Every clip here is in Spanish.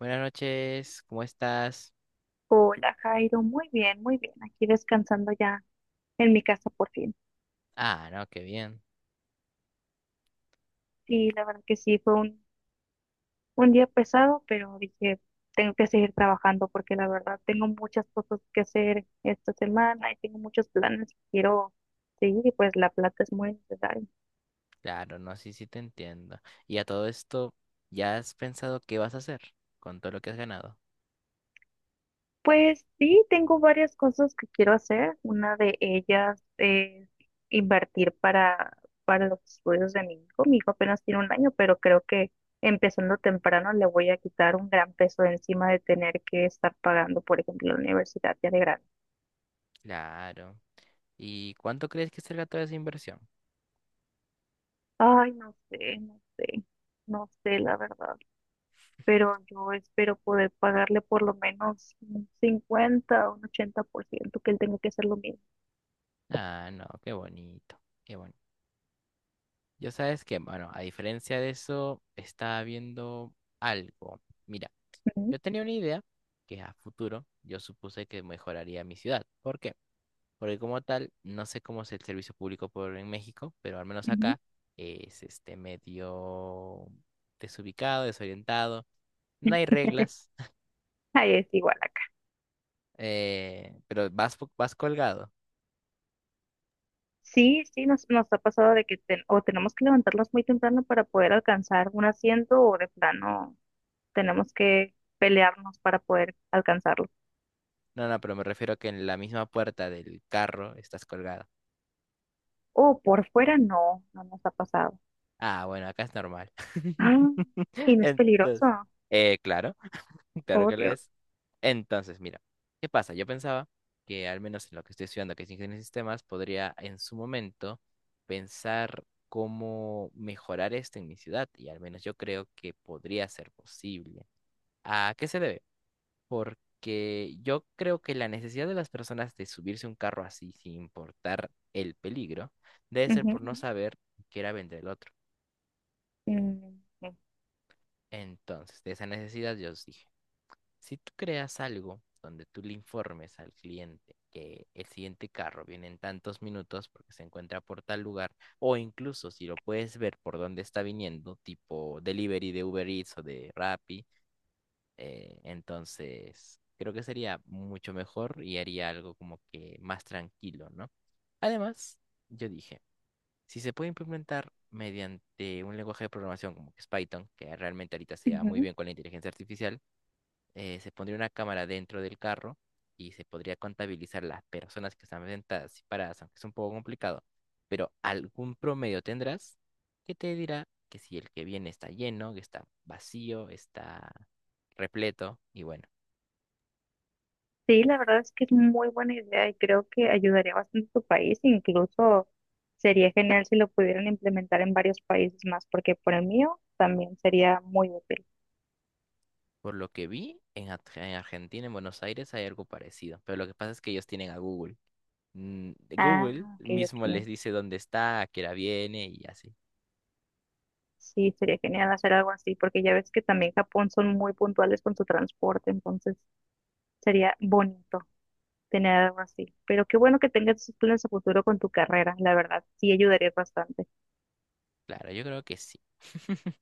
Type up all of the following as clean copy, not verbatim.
Buenas noches, ¿cómo estás? Hola, Jairo. Muy bien, muy bien. Aquí descansando ya en mi casa por fin. Ah, no, qué bien. Sí, la verdad que sí, fue un día pesado, pero dije, tengo que seguir trabajando porque la verdad tengo muchas cosas que hacer esta semana y tengo muchos planes que quiero seguir y pues la plata es muy necesaria. Claro, no, sí, sí te entiendo. Y a todo esto, ¿ya has pensado qué vas a hacer con todo lo que has ganado? Pues sí, tengo varias cosas que quiero hacer. Una de ellas es invertir para los estudios de mi hijo. Mi hijo apenas tiene un año, pero creo que empezando temprano le voy a quitar un gran peso de encima de tener que estar pagando, por ejemplo, la universidad ya de grande. Claro. ¿Y cuánto crees que será toda esa inversión? Ay, no sé, no sé, no sé la verdad, pero yo espero poder pagarle por lo menos un 50% o un 80% que él tenga que hacer lo mismo. Ah, no, qué bonito, qué bonito. Yo sabes que, bueno, a diferencia de eso, estaba viendo algo. Mira, Ujú, yo tenía una idea que a futuro yo supuse que mejoraría mi ciudad. ¿Por qué? Porque como tal, no sé cómo es el servicio público por en México, pero al menos ujú. acá es este medio desubicado, desorientado. No hay reglas, Ahí es igual. Pero vas, vas colgado. Sí, sí, nos ha pasado de que o tenemos que levantarnos muy temprano para poder alcanzar un asiento o de plano tenemos que pelearnos para poder alcanzarlo. No, no, pero me refiero a que en la misma puerta del carro estás colgado. O por fuera no, no nos ha pasado. Ah, bueno, acá es normal. Ah, y no es Entonces, peligroso. Claro. Claro Oh, que lo Dios. es. Entonces, mira, ¿qué pasa? Yo pensaba que al menos en lo que estoy estudiando, que es ingeniería en sistemas, podría en su momento pensar cómo mejorar esto en mi ciudad y al menos yo creo que podría ser posible. ¿A qué se debe? Porque yo creo que la necesidad de las personas de subirse a un carro así sin importar el peligro debe ser Ujú, por no saber qué era vender el otro. ujú, ujú, Entonces, de esa necesidad yo os dije. Si tú creas algo donde tú le informes al cliente que el siguiente carro viene en tantos minutos porque se encuentra por tal lugar, o incluso si lo puedes ver por dónde está viniendo, tipo delivery de Uber Eats o de Rappi, entonces creo que sería mucho mejor y haría algo como que más tranquilo, ¿no? Además, yo dije, si se puede implementar mediante un lenguaje de programación como que es Python, que realmente ahorita se lleva muy ujú. bien con la inteligencia artificial, se pondría una cámara dentro del carro y se podría contabilizar las personas que están sentadas y paradas, aunque es un poco complicado, pero algún promedio tendrás que te dirá que si el que viene está lleno, que está vacío, está repleto, y bueno, Sí, la verdad es que es muy buena idea y creo que ayudaría bastante a tu país. Incluso sería genial si lo pudieran implementar en varios países más, porque por el mío también sería muy útil. por lo que vi, en Argentina, en Buenos Aires, hay algo parecido, pero lo que pasa es que ellos tienen a Google. Mm, Ah, Google ok, mismo ok. les dice dónde está, a qué hora viene y así. Sí, sería genial hacer algo así, porque ya ves que también Japón son muy puntuales con su transporte, entonces sería bonito tener algo así. Pero qué bueno que tengas esos planes a futuro con tu carrera, la verdad, sí ayudarías bastante. Claro, yo creo que sí.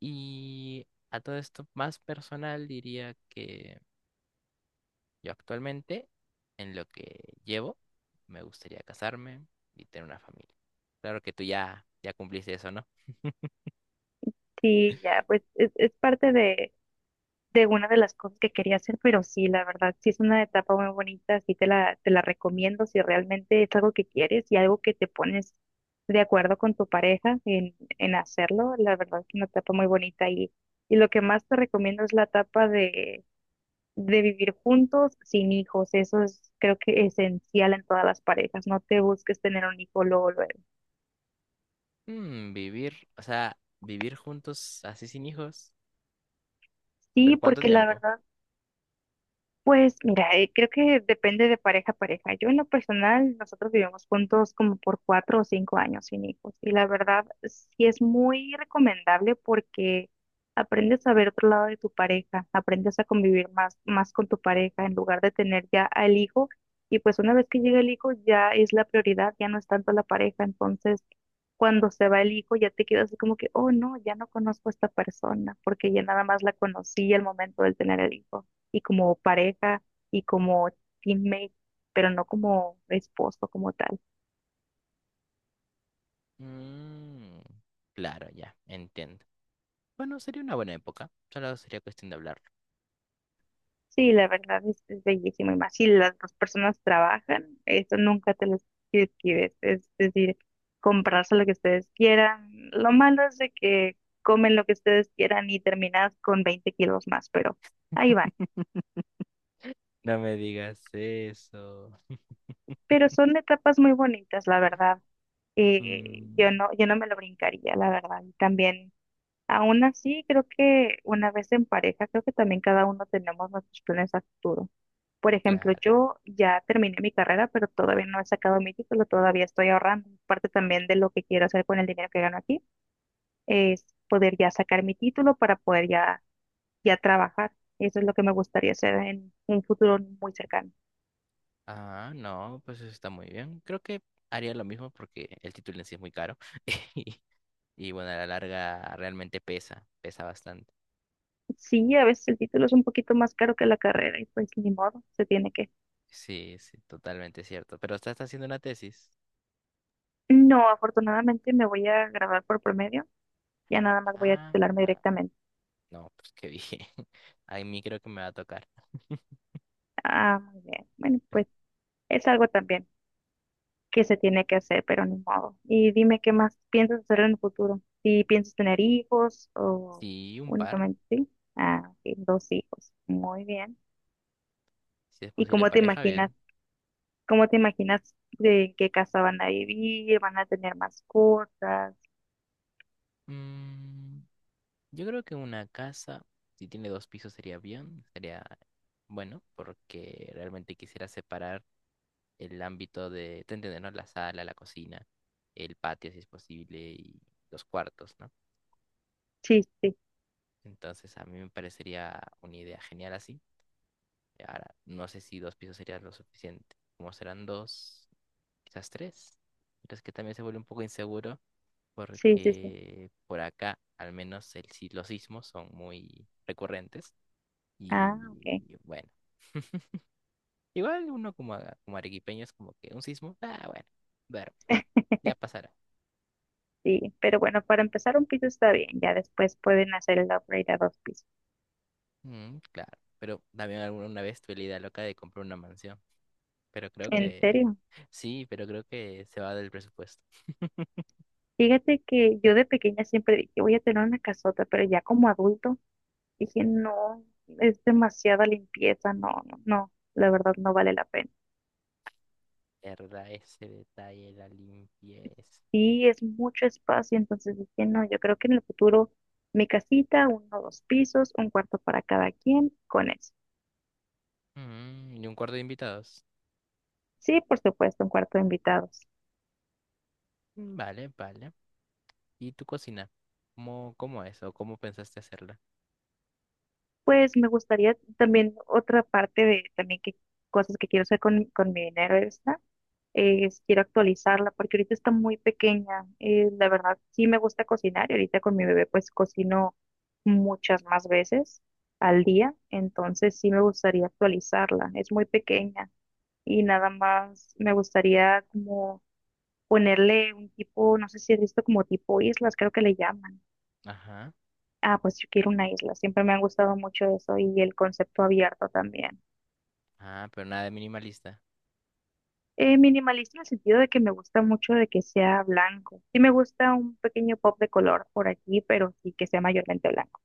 Y a todo esto más personal diría que yo actualmente, en lo que llevo, me gustaría casarme y tener una familia. Claro que tú ya cumpliste eso, ¿no? Sí, ya, pues es parte de una de las cosas que quería hacer, pero sí, la verdad, sí es una etapa muy bonita, sí te la recomiendo si realmente es algo que quieres y algo que te pones de acuerdo con tu pareja en hacerlo, la verdad es una etapa muy bonita y lo que más te recomiendo es la etapa de vivir juntos sin hijos, eso es creo que esencial en todas las parejas, no te busques tener un hijo luego, luego. Mm, vivir, o sea, vivir juntos así sin hijos, Sí, pero ¿cuánto porque la tiempo? verdad. Pues mira, creo que depende de pareja a pareja. Yo en lo personal, nosotros vivimos juntos como por 4 o 5 años sin hijos y la verdad sí es muy recomendable porque aprendes a ver otro lado de tu pareja, aprendes a convivir más con tu pareja en lugar de tener ya al hijo y pues una vez que llega el hijo ya es la prioridad, ya no es tanto la pareja, entonces cuando se va el hijo ya te quedas así como que, oh no, ya no conozco a esta persona porque ya nada más la conocí al momento de tener el hijo y como pareja y como teammate, pero no como esposo como tal. Mm, claro, ya, entiendo. Bueno, sería una buena época, solo sería cuestión de hablarlo. Sí, la verdad es bellísimo. Y más si las dos personas trabajan, eso nunca te lo escribes. Es decir, comprarse lo que ustedes quieran. Lo malo es de que comen lo que ustedes quieran y terminas con 20 kilos más, pero ahí van. No me digas eso. Pero son etapas muy bonitas, la verdad. Yo Mm, no, yo no me lo brincaría, la verdad. Y también. Aún así, creo que una vez en pareja, creo que también cada uno tenemos nuestros planes a futuro. Por ejemplo, claro. yo ya terminé mi carrera, pero todavía no he sacado mi título, todavía estoy ahorrando. Parte también de lo que quiero hacer con el dinero que gano aquí es poder ya sacar mi título para poder ya trabajar. Eso es lo que me gustaría hacer en un futuro muy cercano. Ah, no, pues eso está muy bien. Creo que haría lo mismo porque el título en sí es muy caro. Y, y bueno, a la larga realmente pesa, pesa bastante. Sí, a veces el título es un poquito más caro que la carrera y pues ni modo, se tiene que. Sí, sí, totalmente cierto. Pero usted está haciendo una tesis. No, afortunadamente me voy a graduar por promedio, ya nada más voy a Ah, titularme ah, directamente. no, pues qué bien. A mí creo que me va a tocar. Ah, muy bien. Bueno, pues es algo también que se tiene que hacer, pero ni modo. Y dime qué más piensas hacer en el futuro. Si piensas tener hijos o Sí, un par. únicamente sí. Ah, ok, dos hijos. Muy bien. Si es ¿Y posible pareja, bien. cómo te imaginas de en qué casa van a vivir? ¿Van a tener mascotas? Mm, yo creo que una casa, si tiene dos pisos, sería bien. Sería bueno, porque realmente quisiera separar el ámbito de, te entiendes, ¿no? La sala, la cocina, el patio si es posible y los cuartos, ¿no? Sí, sí, Entonces a mí me parecería una idea genial así. Ahora, no sé si dos pisos sería lo suficiente. Como serán dos, quizás tres. Pero es que también se vuelve un poco inseguro sí, sí, sí. porque por acá al menos los sismos son muy recurrentes Ah, ok. y bueno. Igual uno como, como arequipeño es como que un sismo, ah, bueno, ver, ya pasará. Sí, pero bueno, para empezar un piso está bien, ya después pueden hacer el upgrade a dos pisos. Mm, claro, pero también alguna vez tuve la idea loca de comprar una mansión, pero creo ¿En que serio? sí, pero creo que se va del presupuesto. Fíjate que yo de pequeña siempre dije, voy a tener una casota, pero ya como adulto dije, no, es demasiada limpieza, no, no, no, la verdad no vale la pena. ¿Verdad? Ese detalle, la limpieza. Sí, es mucho espacio, entonces dije, no, yo creo que en el futuro mi casita, uno o dos pisos, un cuarto para cada quien, con eso. Mm, y un cuarto de invitados. Sí, por supuesto, un cuarto de invitados. Mm, vale, vale. ¿Y tu cocina? ¿Cómo es o cómo pensaste hacerla? Pues me gustaría también otra parte de también que cosas que quiero hacer con mi dinero, es quiero actualizarla porque ahorita está muy pequeña. La verdad, sí me gusta cocinar y ahorita con mi bebé pues cocino muchas más veces al día, entonces sí me gustaría actualizarla. Es muy pequeña y nada más me gustaría como ponerle un tipo, no sé si has visto como tipo islas, creo que le llaman. Ajá. Ah, pues yo quiero una isla, siempre me ha gustado mucho eso y el concepto abierto también. Ah, pero nada de minimalista. Minimalista en el sentido de que me gusta mucho de que sea blanco. Sí me gusta un pequeño pop de color por aquí, pero sí que sea mayormente blanco.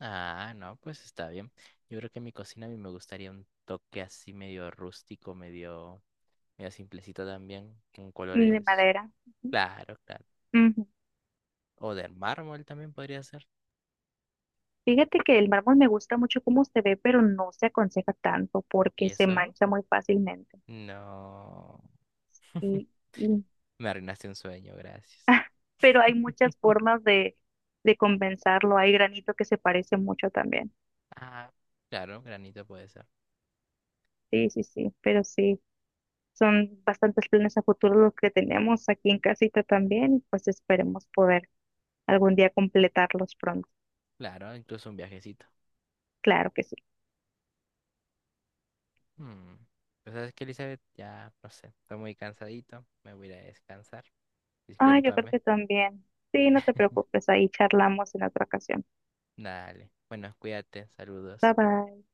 Ah, no, pues está bien. Yo creo que en mi cocina a mí me gustaría un toque así medio rústico, medio simplecito también, con Mm. De colores. madera. Ujú, Claro, claro. ujú. O de mármol también podría ser. Fíjate que el mármol me gusta mucho cómo se ve, pero no se aconseja tanto porque ¿Y se eso? mancha muy fácilmente. No. Y, y- Me arruinaste un sueño, gracias. pero hay muchas formas de compensarlo. Hay granito que se parece mucho también. Ah, claro, granito puede ser. Sí, sí, sí, pero sí. Son bastantes planes a futuro los que tenemos aquí en casita también, y pues esperemos poder algún día completarlos pronto. Claro, incluso un viajecito. Claro que sí. Hmm. Pues sabes que Elizabeth, ya no sé, estoy muy cansadito, me voy a ir a descansar. Ah, yo creo Discúlpame. que también. Sí, no te preocupes, ahí charlamos en otra ocasión. Dale. Bueno, cuídate, Bye saludos. bye.